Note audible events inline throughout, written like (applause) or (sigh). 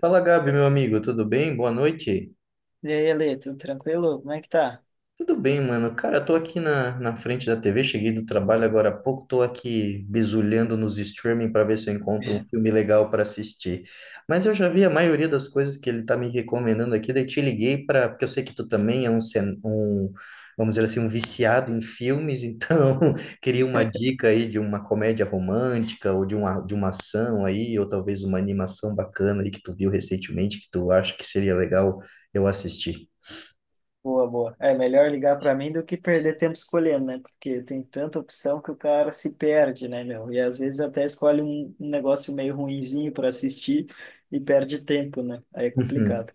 Fala, Gabi, meu amigo, tudo bem? Boa noite. E aí, Alê, tudo tranquilo? Como é que tá? Tudo bem, mano. Cara, eu tô aqui na frente da TV, cheguei do trabalho agora há pouco, tô aqui bisulhando nos streaming para ver se eu encontro um (laughs) filme legal para assistir. Mas eu já vi a maioria das coisas que ele tá me recomendando aqui, daí te liguei porque eu sei que tu também é um, vamos dizer assim, um viciado em filmes, então (laughs) queria uma dica aí de uma comédia romântica ou de uma ação aí, ou talvez uma animação bacana aí que tu viu recentemente que tu acha que seria legal eu assistir. Boa, boa. É melhor ligar para mim do que perder tempo escolhendo, né? Porque tem tanta opção que o cara se perde, né, meu? E às vezes até escolhe um negócio meio ruinzinho para assistir e perde tempo, né? Aí é Uhum. complicado.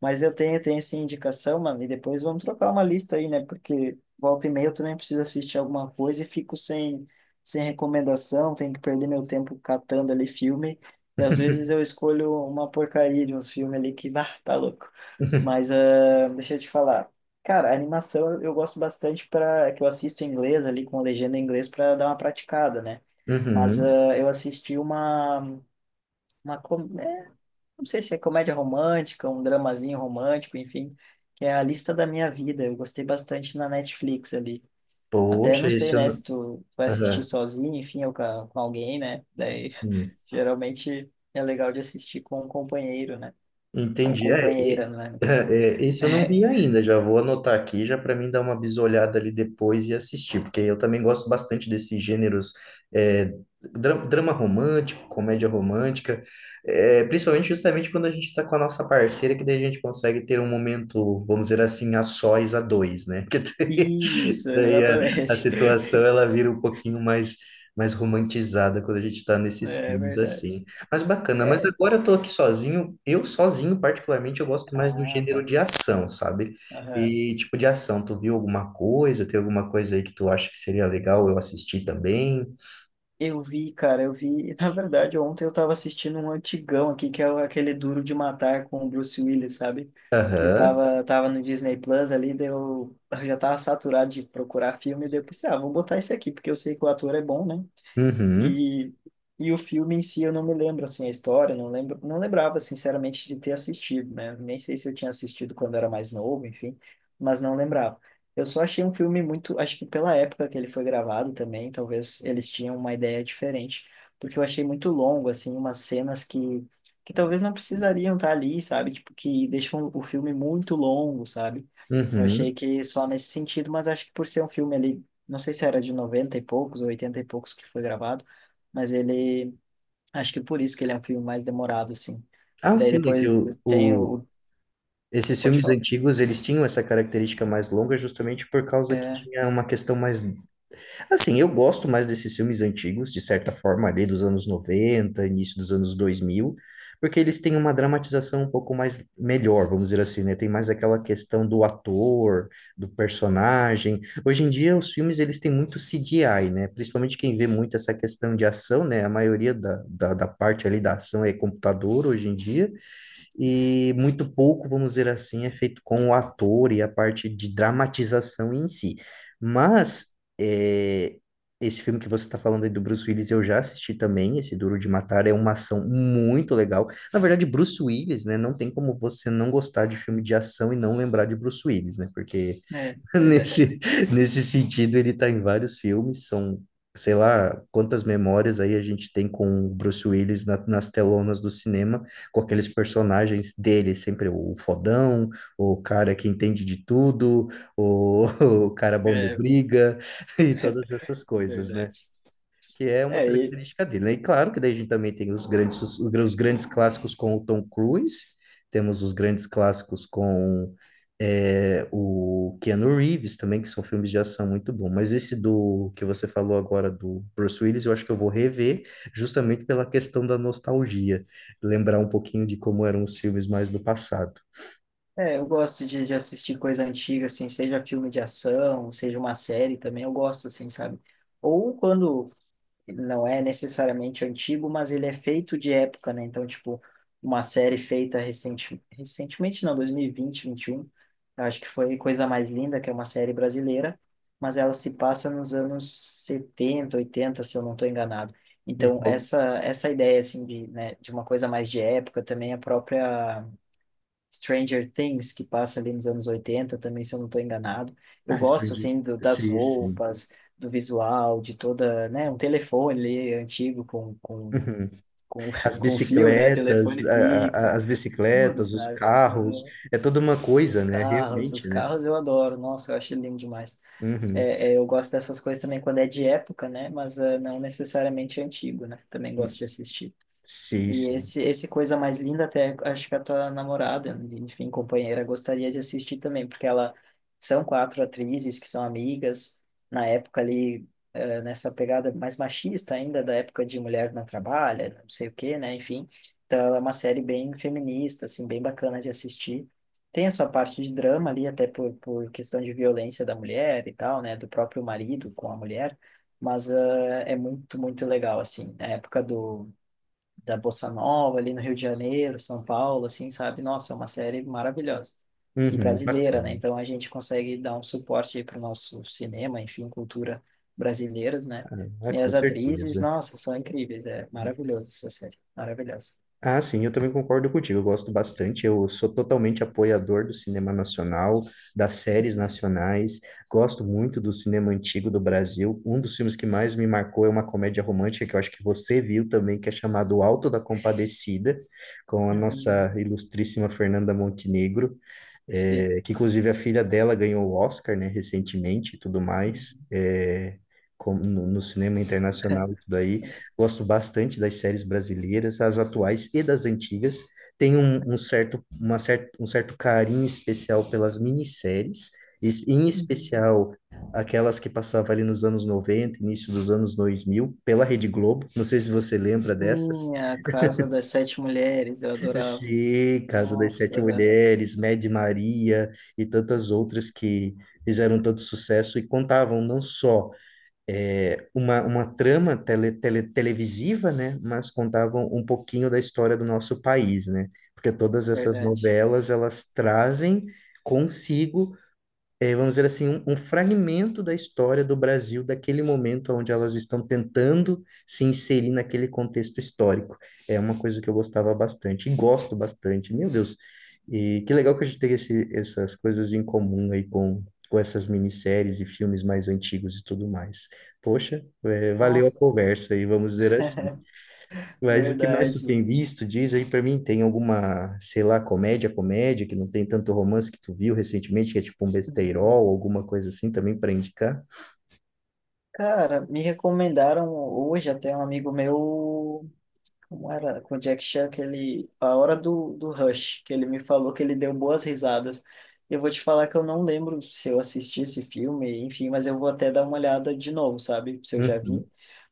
Mas eu tenho, tenho essa indicação, mano, e depois vamos trocar uma lista aí, né? Porque volta e meia eu também preciso assistir alguma coisa e fico sem, sem recomendação, tenho que perder meu tempo catando ali filme. E às vezes eu escolho uma porcaria de uns filmes ali que, bah, tá louco. (laughs) Mas deixa eu te falar. Cara, a animação eu gosto bastante para que eu assisto em inglês ali com a legenda em inglês para dar uma praticada, né? Mas Uhum. Eu assisti uma não sei se é comédia romântica, um dramazinho romântico, enfim, que é A Lista da Minha Vida. Eu gostei bastante na Netflix ali. Até Poxa, não sei, esse eu né, não... se tu vai assistir Aham. sozinho, enfim, ou com, a- com alguém, né? Daí Sim. (laughs) geralmente é legal de assistir com um companheiro, né? Ou Entendi. Companheira, né, no é, caso. Esse eu não vi (laughs) ainda, já vou anotar aqui, já para mim dar uma bisolhada ali depois e assistir, porque eu também gosto bastante desses gêneros, é, drama romântico, comédia romântica, principalmente justamente quando a gente está com a nossa parceira, que daí a gente consegue ter um momento, vamos dizer assim, a sós, a dois, né? (laughs) Que Isso, daí a exatamente. situação (laughs) ela vira um pouquinho mais romantizada quando a gente está nesses É filmes verdade. assim. Mas bacana, mas É. agora eu tô aqui sozinho. Eu sozinho, particularmente, eu gosto mais do Ah, gênero tá. de ação, sabe? Aham. E tipo de ação, tu viu alguma coisa? Tem alguma coisa aí que tu acha que seria legal eu assistir também? Eu vi, cara, eu vi. (laughs) Na verdade, ontem eu tava assistindo um antigão aqui, que é o- aquele Duro de Matar com o Bruce Willis, sabe? Que Aham. tava, tava no Disney Plus ali, daí eu já tava saturado de procurar filme, daí eu pensei, ah, vou botar esse aqui, porque eu sei que o ator é bom, né? Uhum. E, e o filme em si eu não me lembro assim a história, não lembro, não lembrava sinceramente de ter assistido, né? Nem sei se eu tinha assistido quando era mais novo, enfim, mas não lembrava. Eu só achei um filme muito, acho que pela época que ele foi gravado também, talvez eles tinham uma ideia diferente, porque eu achei muito longo assim, umas cenas que talvez não precisariam estar ali, sabe? Tipo que deixam o filme muito longo, sabe? Eu achei Uhum. que só nesse sentido, mas acho que por ser um filme ali, não sei se era de 90 e poucos ou 80 e poucos que foi gravado, mas ele, acho que por isso que ele é um filme mais demorado, assim. E Ah, daí sim, é que depois tem o, esses pode filmes falar? antigos, eles tinham essa característica mais longa justamente por causa que tinha uma questão mais. Assim, eu gosto mais desses filmes antigos, de certa forma, ali dos anos noventa, início dos anos dois mil, porque eles têm uma dramatização um pouco mais melhor, vamos dizer assim, né? Tem mais aquela questão do ator, do personagem. Hoje em dia, os filmes, eles têm muito CGI, né? Principalmente quem vê muito essa questão de ação, né? A maioria da parte ali da ação é computador hoje em dia e muito pouco, vamos dizer assim, é feito com o ator e a parte de dramatização em si. Mas é, esse filme que você está falando aí do Bruce Willis, eu já assisti também, esse Duro de Matar, é uma ação muito legal. Na verdade, Bruce Willis, né? Não tem como você não gostar de filme de ação e não lembrar de Bruce Willis, né? Porque É, (laughs) verdade. Nesse, nesse sentido, ele tá em vários filmes, são, sei lá, quantas memórias aí a gente tem com o Bruce Willis na- nas telonas do cinema, com aqueles personagens dele, sempre o fodão, o cara que entende de tudo, o, (laughs) o cara bom do É, briga, (laughs) e todas essas coisas, verdade. né? Que é uma É, e, característica dele, né? E claro que daí a gente também tem os grandes clássicos com o Tom Cruise, temos os grandes clássicos com o Keanu Reeves também, que são filmes de ação muito bons. Mas esse do que você falou agora do Bruce Willis, eu acho que eu vou rever justamente pela questão da nostalgia, lembrar um pouquinho de como eram os filmes mais do passado. é, eu gosto de assistir coisa antiga, assim, seja filme de ação, seja uma série também, eu gosto, assim, sabe? Ou quando ele não é necessariamente antigo, mas ele é feito de época, né? Então, tipo, uma série feita recente, recentemente, não, 2020, 2021, eu acho que foi Coisa Mais Linda, que é uma série brasileira, mas ela se passa nos anos 70 80 se eu não estou enganado. E Então, qual... essa ideia, assim, de, né, de uma coisa mais de época, também a própria Stranger Things, que passa ali nos anos 80, também, se eu não estou enganado. Eu Ah, gosto, surgiu. assim, do, das Sim, sim. roupas, do visual, de toda, né, um telefone ali antigo com, (laughs) As (laughs) com fio, né, bicicletas, telefone fixo, as tudo, bicicletas, os sabe? carros, Aham. é toda uma coisa, né? Os Realmente, né? carros eu adoro, nossa, eu acho lindo demais. Uhum. É, é, eu gosto dessas coisas também quando é de época, né, mas não necessariamente antigo, né, também gosto de assistir. Sim, E sim. esse Coisa Mais Linda, até acho que a tua namorada, enfim, companheira, gostaria de assistir também, porque ela são quatro atrizes que são amigas, na época ali, nessa pegada mais machista ainda, da época de Mulher Não Trabalha, não sei o quê, né, enfim. Então ela é uma série bem feminista, assim, bem bacana de assistir. Tem a sua parte de drama ali, até por questão de violência da mulher e tal, né, do próprio marido com a mulher, mas é muito, muito legal, assim, a época do da Bossa Nova ali no Rio de Janeiro, São Paulo, assim, sabe? Nossa, é uma série maravilhosa. E Uhum, brasileira, né? bacana. Então a gente consegue dar um suporte para o nosso cinema, enfim, cultura brasileiras, né? Ah, E com as atrizes, certeza. nossa, são incríveis. É Uhum. maravilhosa essa série. Maravilhosa. Ah, sim, eu também concordo contigo. Eu gosto bastante. Eu sou totalmente apoiador do cinema nacional, das séries Uhum. nacionais. Gosto muito do cinema antigo do Brasil. Um dos filmes que mais me marcou é uma comédia romântica que eu acho que você viu também, que é chamado Alto da Compadecida, com a nossa Uhum. ilustríssima Fernanda Montenegro. Sim. Que inclusive a filha dela ganhou o Oscar, né, recentemente e tudo mais, Uhum. como no cinema internacional e (laughs) tudo aí. Gosto bastante das séries brasileiras, as atuais e das antigas. Tenho um, um certo, uma cer um certo carinho especial pelas minisséries, em Uhum. especial aquelas que passavam ali nos anos 90, início dos anos 2000, pela Rede Globo. Não sei se você lembra dessas. Sim, a Casa das Sete Mulheres, eu adorava. Sim, Casa das Nossa, Sete é Mulheres, Mad Maria e tantas outras que fizeram tanto sucesso e contavam não só uma trama televisiva, né, mas contavam um pouquinho da história do nosso país, né? Porque todas essas verdade. novelas, elas trazem consigo vamos dizer assim, um fragmento da história do Brasil, daquele momento onde elas estão tentando se inserir naquele contexto histórico. É uma coisa que eu gostava bastante e gosto bastante. Meu Deus, e que legal que a gente tem essas coisas em comum com essas minisséries e filmes mais antigos e tudo mais. Poxa, é, valeu a Nossa, conversa aí, vamos dizer assim. (laughs) Mas o que mais tu verdade. tem visto, diz aí pra mim, tem alguma, sei lá, comédia que não tem tanto romance que tu viu recentemente, que é tipo um Uhum. besteirol, alguma coisa assim também pra indicar? Cara, me recomendaram hoje até um amigo meu, como era, com o Jack Chan, que ele, a hora do, do Rush, que ele me falou que ele deu boas risadas. Eu vou te falar que eu não lembro se eu assisti esse filme, enfim, mas eu vou até dar uma olhada de novo, sabe? Se eu já Uhum, vi,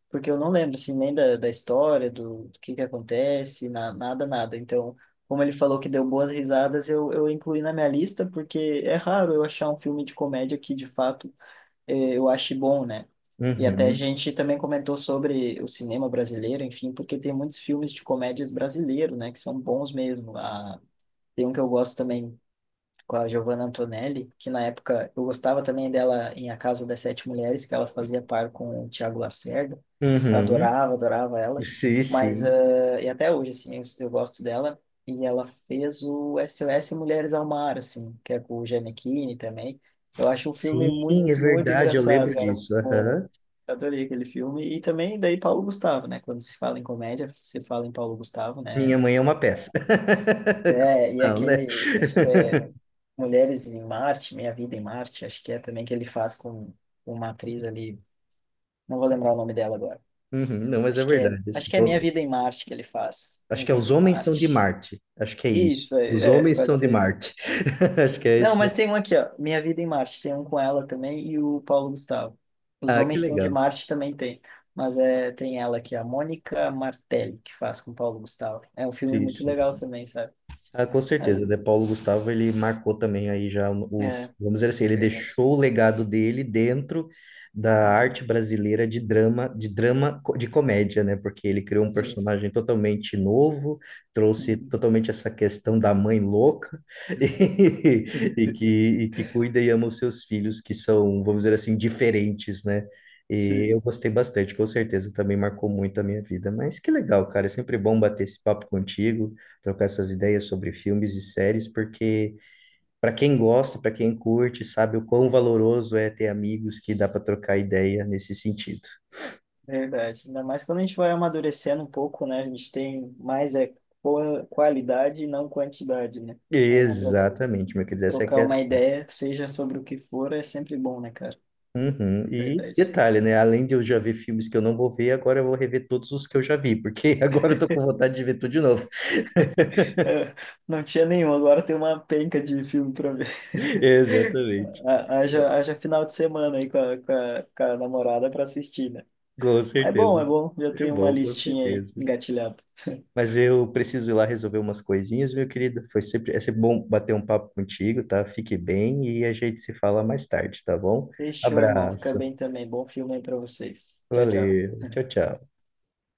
porque eu não lembro, assim, nem da, da história, do, do que acontece, na, nada, nada. Então, como ele falou que deu boas risadas, eu incluí na minha lista, porque é raro eu achar um filme de comédia que, de fato, eu acho bom, né? E até a uhum, gente também comentou sobre o cinema brasileiro, enfim, porque tem muitos filmes de comédias brasileiro, né, que são bons mesmo. Ah, tem um que eu gosto também com a Giovanna Antonelli, que na época eu gostava também dela em A Casa das Sete Mulheres, que ela fazia par com o Tiago Lacerda. Eu uhum. adorava, adorava ela. Sim, Mas, sim. E até hoje, assim, eu gosto dela. E ela fez o SOS Mulheres ao Mar, assim, que é com o Gianecchini também. Eu acho um Sim, filme é muito, muito verdade, eu engraçado, lembro cara, disso. muito bom. Aham. Eu Adorei aquele filme. E também daí Paulo Gustavo, né? Quando se fala em comédia, se fala em Paulo Gustavo, né? Minha mãe é uma peça. (laughs) É, e Não, né? aquele, acho que é Mulheres em Marte, Minha Vida em Marte, acho que é também que ele faz com uma atriz ali, não vou lembrar o nome dela agora. Uhum, não, mas é verdade. Acho Assim, que é Minha pô, Vida em Marte que ele faz. acho Minha que é Os Vida em Homens São de Marte. Marte. Acho que é isso. Isso, é, Os é, Homens pode São de ser isso. Marte. (laughs) Acho que é esse. Não, mas tem um aqui, ó, Minha Vida em Marte, tem um com ela também e o Paulo Gustavo. Os Ah, que Homens São de legal. Marte também tem, mas é, tem ela aqui, a Mônica Martelli, que faz com o Paulo Gustavo. É um filme Sim, muito sim. legal também, sabe? Ah, com Mas, certeza, né? Paulo Gustavo, ele marcou também aí já os, é, vamos dizer assim, ele verdade. deixou o legado dele dentro da Uhum, arte brasileira de drama, de comédia, né? Porque ele criou um é isso. personagem totalmente novo, trouxe Uhum, totalmente essa questão da mãe louca (laughs) uhum. e, e que, (laughs) e que cuida e ama os seus filhos, que são, vamos dizer assim, diferentes, né? E Sim. eu gostei bastante, com certeza, também marcou muito a minha vida. Mas que legal, cara, é sempre bom bater esse papo contigo, trocar essas ideias sobre filmes e séries, porque para quem gosta, para quem curte, sabe o quão valoroso é ter amigos que dá para trocar ideia nesse sentido. Verdade. Ainda mais quando a gente vai amadurecendo um pouco, né? A gente tem mais é qua- qualidade e não quantidade, né? Aí tro Exatamente, meu querido, essa é a trocar uma questão. ideia, seja sobre o que for, é sempre bom, né, cara? Uhum. E Verdade. (laughs) detalhe, né? Além de eu já ver filmes que eu não vou ver, agora eu vou rever todos os que eu já vi, porque (laughs) agora eu tô com vontade de ver tudo de novo. É, não tinha nenhum, agora tem uma penca de filme pra ver. (laughs) (laughs) Exatamente. Ha- Haja, haja final de semana aí com a, com a, com a namorada pra assistir, né? Com Mas é certeza. bom, é bom. Já É tem uma bom, com listinha aí certeza. engatilhada. Mas eu preciso ir lá resolver umas coisinhas, meu querido. É sempre bom bater um papo contigo, tá? Fique bem e a gente se fala mais tarde, tá bom? Fechou, irmão. Fica Abraço. bem também. Bom filme aí pra vocês. Tchau, tchau. Valeu. Tchau, tchau.